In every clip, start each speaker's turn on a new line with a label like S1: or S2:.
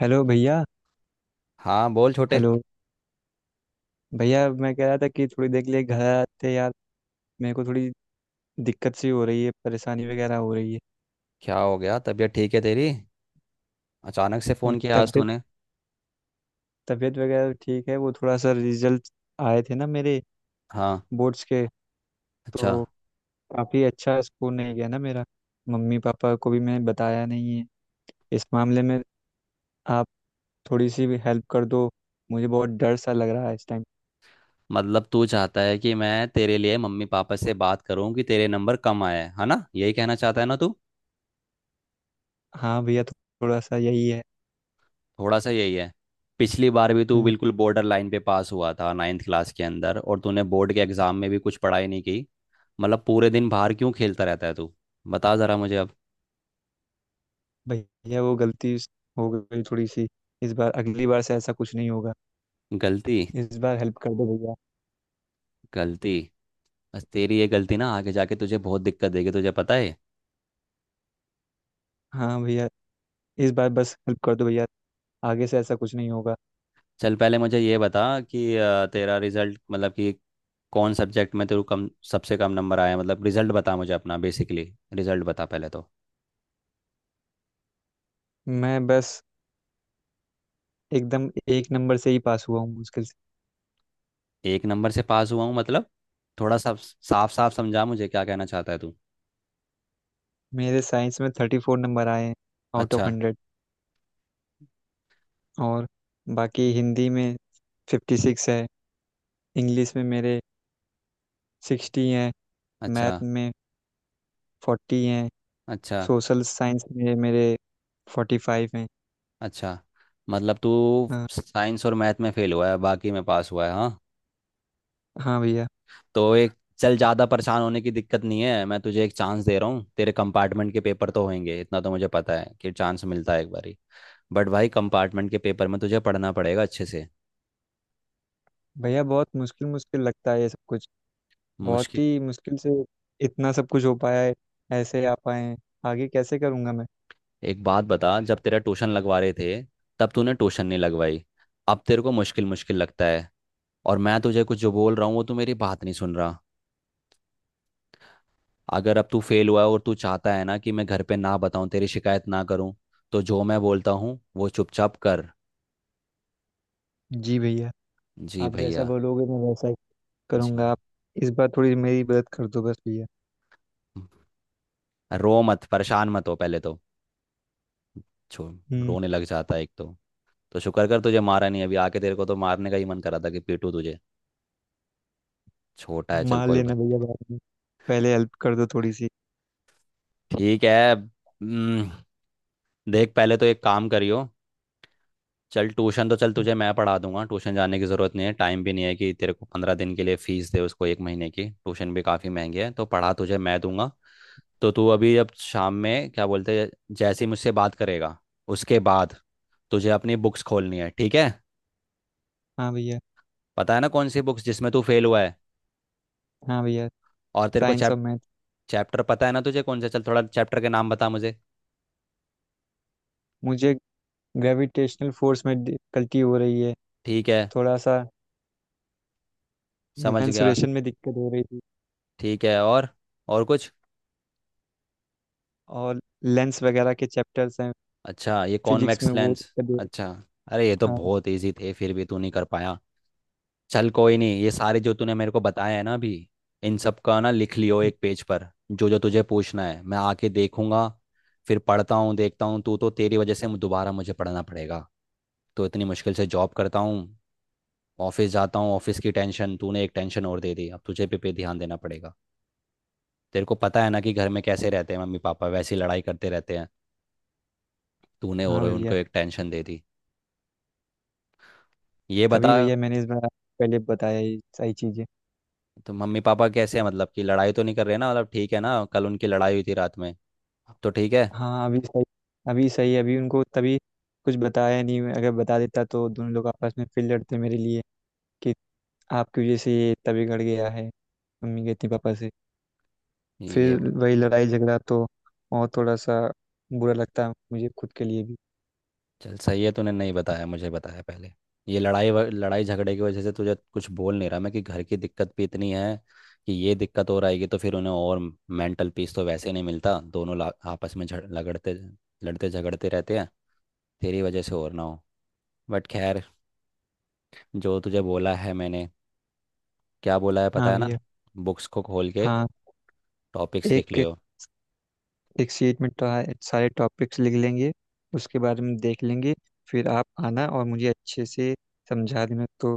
S1: Hello भैया
S2: हाँ बोल छोटे।
S1: हेलो भैया, मैं कह रहा था कि थोड़ी देर के लिए घर आते यार। मेरे को थोड़ी दिक्कत सी हो रही है, परेशानी वगैरह हो रही है।
S2: क्या हो गया? तबीयत ठीक है तेरी? अचानक से
S1: न-
S2: फ़ोन किया आज
S1: तबीयत
S2: तूने।
S1: तबीयत वगैरह ठीक है। वो थोड़ा सा रिजल्ट आए थे ना मेरे,
S2: हाँ।
S1: बोर्ड्स के,
S2: अच्छा।
S1: तो काफ़ी अच्छा स्कोर नहीं गया ना मेरा। मम्मी पापा को भी मैंने बताया नहीं है इस मामले में। आप थोड़ी सी भी हेल्प कर दो, मुझे बहुत डर सा लग रहा है इस टाइम।
S2: मतलब तू चाहता है कि मैं तेरे लिए मम्मी पापा से बात करूं कि तेरे नंबर कम आए हैं, है ना? यही कहना चाहता है ना तू?
S1: हाँ भैया, थोड़ा सा यही है।
S2: थोड़ा सा यही है। पिछली बार भी तू
S1: हम्म,
S2: बिल्कुल बॉर्डर लाइन पे पास हुआ था नाइन्थ क्लास के अंदर, और तूने बोर्ड के एग्ज़ाम में भी कुछ पढ़ाई नहीं की। मतलब पूरे दिन बाहर क्यों खेलता रहता है तू? बता ज़रा मुझे अब।
S1: भैया वो गलती हो गई थोड़ी सी। इस बार, अगली बार से ऐसा कुछ नहीं होगा।
S2: गलती।
S1: इस बार हेल्प कर दो भैया।
S2: गलती। बस तेरी ये गलती ना आगे जाके तुझे बहुत दिक्कत देगी, तुझे पता है।
S1: हाँ भैया, इस बार बस हेल्प कर दो भैया, आगे से ऐसा कुछ नहीं होगा।
S2: चल पहले मुझे ये बता कि तेरा रिजल्ट मतलब कि कौन सब्जेक्ट में तेरे को कम सबसे कम नंबर आया? मतलब रिजल्ट बता मुझे अपना, बेसिकली रिजल्ट बता पहले तो।
S1: मैं बस एकदम एक नंबर से ही पास हुआ हूँ मुश्किल से।
S2: एक नंबर से पास हुआ हूँ मतलब? थोड़ा सा साफ साफ समझा मुझे क्या कहना चाहता है तू।
S1: मेरे साइंस में 34 नंबर आए हैं, आउट ऑफ
S2: अच्छा।
S1: 100। और बाकी हिंदी में 56 है। इंग्लिश में मेरे 60 हैं।
S2: अच्छा।
S1: मैथ में 40 हैं।
S2: अच्छा।
S1: सोशल साइंस में मेरे 45 हैं।
S2: अच्छा। मतलब तू
S1: हाँ।
S2: साइंस और मैथ में फेल हुआ है, बाकी में पास हुआ है, हाँ?
S1: हाँ भैया।
S2: तो एक चल ज़्यादा परेशान होने की दिक्कत नहीं है, मैं तुझे एक चांस दे रहा हूँ। तेरे कंपार्टमेंट के पेपर तो होंगे, इतना तो मुझे पता है कि चांस मिलता है एक बार। बट भाई कंपार्टमेंट के पेपर में तुझे पढ़ना पड़ेगा अच्छे से।
S1: भैया, बहुत मुश्किल मुश्किल लगता है ये सब कुछ। बहुत
S2: मुश्किल?
S1: ही मुश्किल से इतना सब कुछ हो पाया है, ऐसे आ पाए हैं। आगे कैसे करूँगा मैं।
S2: एक बात बता, जब तेरा ट्यूशन लगवा रहे थे तब तूने ट्यूशन नहीं लगवाई, अब तेरे को मुश्किल मुश्किल लगता है। और मैं तुझे कुछ जो बोल रहा हूँ वो तू मेरी बात नहीं सुन रहा। अगर अब तू फेल हुआ है और तू चाहता है ना कि मैं घर पे ना बताऊँ, तेरी शिकायत ना करूँ, तो जो मैं बोलता हूँ वो चुपचाप कर।
S1: जी भैया,
S2: जी
S1: आप जैसा
S2: भैया
S1: बोलोगे मैं वैसा ही
S2: जी।
S1: करूँगा। आप इस बार थोड़ी मेरी मदद कर दो बस भैया।
S2: रो मत, परेशान मत हो पहले तो। छो
S1: हम्म।
S2: रोने लग जाता है एक तो। तो शुक्र कर तुझे मारा नहीं अभी आके, तेरे को तो मारने का ही मन करा था कि पीटू तुझे। छोटा है, चल
S1: मान
S2: कोई
S1: लेना
S2: बात।
S1: भैया बाद में, पहले हेल्प कर दो थोड़ी सी।
S2: ठीक है। देख पहले तो एक काम करियो। चल ट्यूशन तो, चल तुझे मैं पढ़ा दूंगा, ट्यूशन जाने की ज़रूरत नहीं है। टाइम भी नहीं है कि तेरे को 15 दिन के लिए फीस दे उसको, एक महीने की ट्यूशन भी काफ़ी महंगी है, तो पढ़ा तुझे मैं दूंगा। तो तू अभी, अब शाम में क्या बोलते हैं, जैसे ही मुझसे बात करेगा उसके बाद तुझे अपनी बुक्स खोलनी है, ठीक है?
S1: हाँ भैया।
S2: पता है ना कौन सी बुक्स जिसमें तू फेल हुआ है?
S1: हाँ भैया,
S2: और तेरे को
S1: साइंस और मैथ।
S2: चैप्टर पता है ना तुझे कौन सा? चल थोड़ा चैप्टर के नाम बता मुझे।
S1: मुझे ग्रेविटेशनल फोर्स में डिफिकल्टी हो रही है
S2: ठीक है।
S1: थोड़ा सा।
S2: समझ गया।
S1: मेंसुरेशन में दिक्कत हो रही थी।
S2: ठीक है। और? और कुछ?
S1: और लेंस वगैरह के चैप्टर्स हैं,
S2: अच्छा, ये
S1: फिजिक्स में
S2: कॉन्वेक्स
S1: वो
S2: लेंस।
S1: दिक्कत हो
S2: अच्छा।
S1: रही।
S2: अरे ये तो
S1: हाँ।
S2: बहुत इजी थे, फिर भी तू नहीं कर पाया। चल कोई नहीं, ये सारे जो तूने मेरे को बताया है ना अभी, इन सब का ना लिख लियो एक पेज पर जो जो तुझे पूछना है, मैं आके देखूंगा। फिर पढ़ता हूँ देखता हूँ तू, तो तेरी वजह से दोबारा मुझे पढ़ना पड़ेगा। तो इतनी मुश्किल से जॉब करता हूँ, ऑफिस जाता हूँ, ऑफिस की टेंशन, तूने एक टेंशन और दे दी, अब तुझे पे पे ध्यान देना पड़ेगा। तेरे को पता है ना कि घर में कैसे रहते हैं? मम्मी पापा वैसी लड़ाई करते रहते हैं, तूने
S1: हाँ
S2: और उनको
S1: भैया।
S2: एक टेंशन दे दी। ये
S1: तभी
S2: बता,
S1: भैया मैंने इस बार आपको पहले बताया ये सही चीज़ें।
S2: तो मम्मी पापा कैसे हैं? मतलब कि लड़ाई तो नहीं कर रहे ना, मतलब ठीक है ना? कल उनकी लड़ाई हुई थी रात में, अब तो ठीक है?
S1: हाँ, अभी सही है। अभी उनको तभी कुछ बताया नहीं मैं। अगर बता देता तो दोनों लोग आपस में फिर लड़ते मेरे लिए कि आपकी वजह से ये तभी गड़ गया है, मम्मी कहती पापा से,
S2: ये
S1: फिर वही लड़ाई झगड़ा। तो और थोड़ा सा बुरा लगता है मुझे खुद के लिए भी।
S2: चल सही है तूने नहीं बताया, मुझे बताया पहले। ये लड़ाई लड़ाई झगड़े की वजह से तुझे कुछ बोल नहीं रहा मैं कि घर की दिक्कत भी इतनी है कि ये दिक्कत हो रहेगी तो फिर उन्हें और मेंटल पीस तो वैसे नहीं मिलता, दोनों आपस में झड़ लगड़ते लड़ते झगड़ते रहते हैं, तेरी वजह से और ना हो। बट खैर, जो तुझे बोला है मैंने, क्या बोला है पता
S1: हाँ
S2: है ना?
S1: भैया।
S2: बुक्स को खोल के
S1: हाँ,
S2: टॉपिक्स लिख
S1: एक
S2: लियो।
S1: एक शीट में तो सारे टॉपिक्स लिख लेंगे, उसके बारे में देख लेंगे। फिर आप आना और मुझे अच्छे से समझा देना तो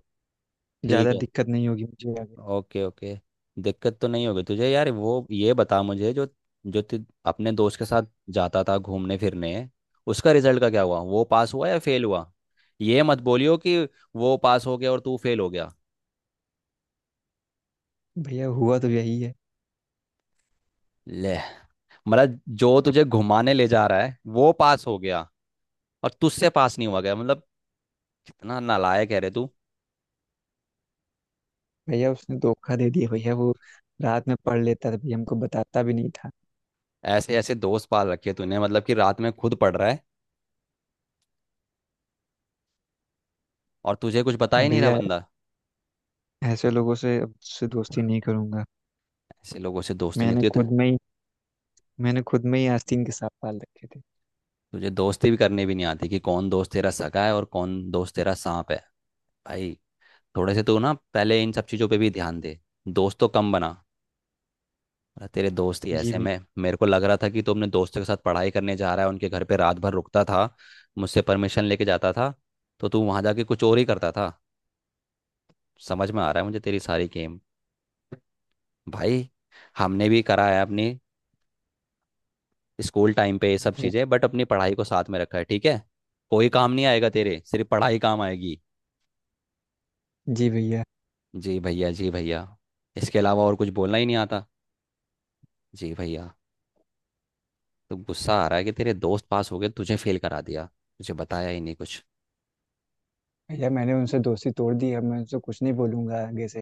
S2: ठीक
S1: ज़्यादा
S2: है।
S1: दिक्कत नहीं होगी मुझे आगे।
S2: Okay, okay. दिक्कत तो नहीं होगी तुझे यार, वो ये बता मुझे जो जो तू अपने दोस्त के साथ जाता था घूमने फिरने, उसका रिजल्ट का क्या हुआ? वो पास हुआ या फेल हुआ? ये मत बोलियो कि वो पास हो गया और तू फेल हो गया।
S1: भैया हुआ तो यही है।
S2: ले। मतलब जो तुझे घुमाने ले जा रहा है वो पास हो गया, और तुझसे पास नहीं हुआ गया? मतलब इतना नालायक है रे तू।
S1: भैया उसने धोखा दे दिया, भैया वो रात में पढ़ लेता था, भैया हमको बताता भी नहीं था।
S2: ऐसे ऐसे दोस्त पाल रखे तूने, मतलब कि रात में खुद पढ़ रहा है और तुझे कुछ बता ही नहीं रहा
S1: भैया
S2: बंदा।
S1: ऐसे लोगों से अब से दोस्ती नहीं करूंगा।
S2: ऐसे लोगों से दोस्ती नहीं
S1: मैंने
S2: होती।
S1: खुद में ही मैंने खुद में ही आस्तीन के सांप पाल रखे थे।
S2: तुझे दोस्ती भी करनी भी नहीं आती कि कौन दोस्त तेरा सगा है और कौन दोस्त तेरा सांप है, भाई। थोड़े से तू ना पहले इन सब चीज़ों पे भी ध्यान दे, दोस्त तो कम बना, वरना तेरे दोस्त ही
S1: जी
S2: ऐसे,
S1: भैया।
S2: में मेरे को लग रहा था कि तू अपने दोस्तों के साथ पढ़ाई करने जा रहा है, उनके घर पे रात भर रुकता था, मुझसे परमिशन लेके जाता था, तो तू वहां जाके कुछ और ही करता था? समझ में आ रहा है मुझे तेरी सारी गेम। भाई, हमने भी करा है अपनी स्कूल टाइम पे ये सब चीज़ें, बट अपनी पढ़ाई को साथ में रखा है, ठीक है? कोई काम नहीं आएगा तेरे, सिर्फ पढ़ाई काम आएगी।
S1: जी भैया।
S2: जी भैया, जी भैया। इसके अलावा और कुछ बोलना ही नहीं आता, जी भैया। तो गुस्सा आ रहा है कि तेरे दोस्त पास हो गए, तुझे फेल करा दिया, तुझे बताया ही नहीं कुछ।
S1: भैया मैंने उनसे दोस्ती तोड़ दी, अब मैं उनसे कुछ नहीं बोलूंगा आगे से,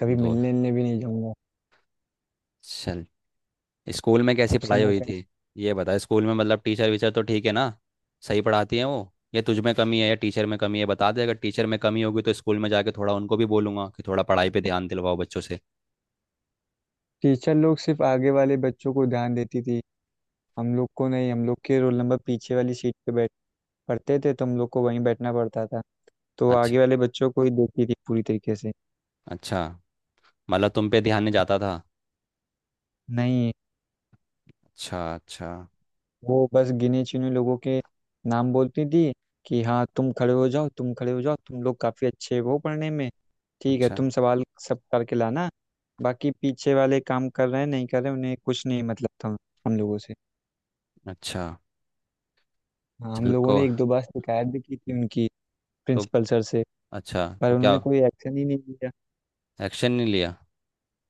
S1: कभी
S2: दो
S1: मिलने मिलने भी नहीं जाऊंगा।
S2: चल, स्कूल में कैसी
S1: अब से
S2: पढ़ाई
S1: मैं
S2: हुई
S1: कहीं।
S2: थी? ये बता। स्कूल में मतलब टीचर वीचर तो ठीक है ना? सही पढ़ाती है वो? या तुझ में कमी है या टीचर में कमी है? बता दे, अगर टीचर में कमी होगी तो स्कूल में जाके थोड़ा उनको भी बोलूंगा कि थोड़ा पढ़ाई पे ध्यान दिलवाओ बच्चों से।
S1: टीचर लोग सिर्फ आगे वाले बच्चों को ध्यान देती थी, हम लोग को नहीं। हम लोग के रोल नंबर पीछे वाली सीट पे बैठ पढ़ते थे, तो हम लोग को वहीं बैठना पड़ता था। तो
S2: अच्छा।
S1: आगे वाले बच्चों को ही देखती थी पूरी तरीके से।
S2: अच्छा। मतलब तुम पे ध्यान नहीं जाता था?
S1: नहीं।
S2: अच्छा। अच्छा।
S1: वो बस गिने चुने लोगों के नाम बोलती थी कि हाँ, तुम खड़े हो जाओ, तुम खड़े हो जाओ, तुम लोग काफ़ी अच्छे हो पढ़ने में, ठीक है
S2: अच्छा।
S1: तुम सवाल सब करके लाना। बाकी पीछे वाले काम कर रहे हैं नहीं कर रहे हैं, उन्हें कुछ नहीं मतलब था हम लोगों से।
S2: अच्छा।
S1: हाँ, हम
S2: चल
S1: लोगों
S2: को
S1: ने एक दो बार शिकायत भी की थी उनकी,
S2: तो
S1: प्रिंसिपल सर से।
S2: अच्छा,
S1: पर
S2: तो क्या
S1: उन्होंने कोई एक्शन ही नहीं लिया।
S2: एक्शन नहीं लिया?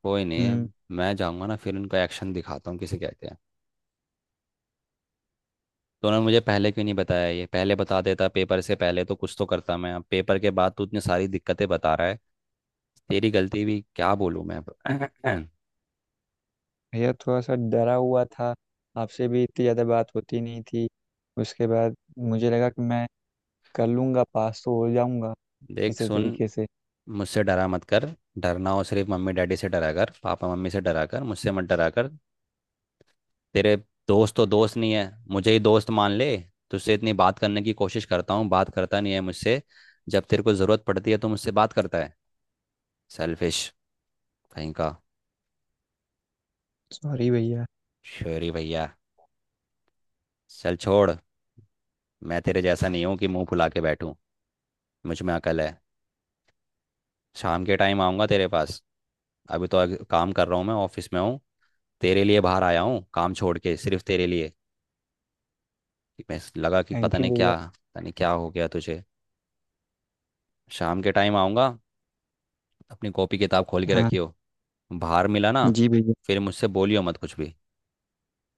S2: कोई नहीं।
S1: हम्म।
S2: अब मैं जाऊंगा ना फिर उनको एक्शन दिखाता हूँ किसे कहते हैं। तो उन्होंने मुझे पहले क्यों नहीं बताया? ये पहले बता देता, पेपर से पहले तो कुछ तो करता मैं। अब पेपर के बाद तू इतनी सारी दिक्कतें बता रहा है, तेरी गलती भी क्या बोलूँ मैं अब।
S1: भैया थोड़ा सा डरा हुआ था, आपसे भी इतनी ज़्यादा बात होती नहीं थी। उसके बाद मुझे लगा कि मैं कर लूंगा, पास तो हो जाऊंगा
S2: देख,
S1: किसी
S2: सुन,
S1: तरीके से।
S2: मुझसे डरा मत कर। डरना हो सिर्फ मम्मी डैडी से डरा कर, पापा मम्मी से डरा कर, मुझसे मत डरा कर। तेरे दोस्त तो दोस्त नहीं है, मुझे ही दोस्त मान ले। तुझसे इतनी बात करने की कोशिश करता हूँ, बात करता नहीं है मुझसे। जब तेरे को ज़रूरत पड़ती है तो मुझसे बात करता है। सेल्फिश कहीं का।
S1: सॉरी भैया।
S2: श्योरी भैया। चल छोड़, मैं तेरे जैसा नहीं हूँ कि मुंह फुला के बैठूं, मुझ में अकल है। शाम के टाइम आऊँगा तेरे पास। अभी तो काम कर रहा हूँ, मैं ऑफिस में हूँ। तेरे लिए बाहर आया हूँ, काम छोड़ के सिर्फ तेरे लिए, कि मैं लगा कि पता
S1: थैंक यू
S2: नहीं
S1: भैया।
S2: क्या, पता नहीं क्या हो गया तुझे। शाम के टाइम आऊँगा, अपनी कॉपी किताब खोल के
S1: हाँ।
S2: रखियो। बाहर मिला ना,
S1: जी भैया।
S2: फिर मुझसे बोलियो मत कुछ भी।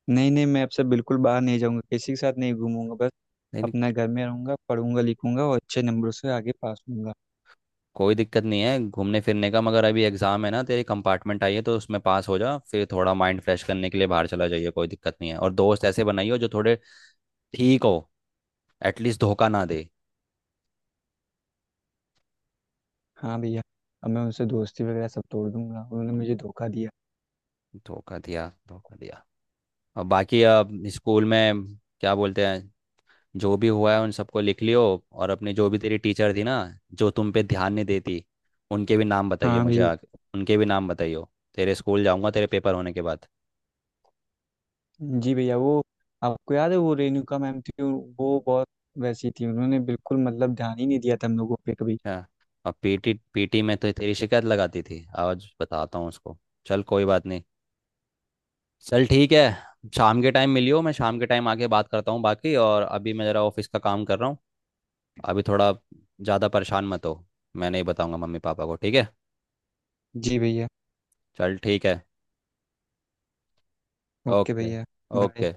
S1: नहीं नहीं, मैं अब से बिल्कुल बाहर नहीं जाऊंगा, किसी के साथ नहीं घूमूंगा बस,
S2: नहीं,
S1: अपना घर में रहूंगा, पढ़ूंगा लिखूंगा और अच्छे नंबरों से आगे पास होऊंगा।
S2: कोई दिक्कत नहीं है घूमने फिरने का, मगर अभी एग्जाम है ना, तेरी कंपार्टमेंट आई है, तो उसमें पास हो जा फिर थोड़ा माइंड फ्रेश करने के लिए बाहर चला जाइए, कोई दिक्कत नहीं है। और दोस्त ऐसे बनाइए जो थोड़े ठीक हो, एटलीस्ट धोखा ना दे।
S1: हाँ भैया, अब मैं उनसे दोस्ती वगैरह सब तोड़ दूंगा, उन्होंने मुझे धोखा दिया।
S2: धोखा दिया, धोखा दिया। और बाकी अब स्कूल में क्या बोलते हैं, जो भी हुआ है उन सबको लिख लियो। और अपनी जो भी तेरी टीचर थी ना, जो तुम पे ध्यान नहीं देती, उनके भी नाम बताइए
S1: हाँ
S2: मुझे आगे।
S1: भैया।
S2: उनके भी नाम बताइए। तेरे स्कूल जाऊंगा तेरे पेपर होने के बाद।
S1: जी भैया, वो आपको याद है वो रेणुका मैम थी, वो बहुत वैसी थी, उन्होंने बिल्कुल मतलब ध्यान ही नहीं दिया था हम लोगों पे कभी।
S2: क्या? और पीटी पीटी में तो तेरी शिकायत लगाती थी? आज बताता हूँ उसको। चल कोई बात नहीं, चल ठीक है, शाम के टाइम मिलियो, मैं शाम के टाइम आके बात करता हूँ बाकी, और अभी मैं ज़रा ऑफिस का काम कर रहा हूँ। अभी थोड़ा ज़्यादा परेशान मत हो, मैं नहीं बताऊँगा मम्मी पापा को, ठीक है?
S1: जी भैया।
S2: चल ठीक है।
S1: ओके
S2: ओके,
S1: भैया। बाय।
S2: ओके।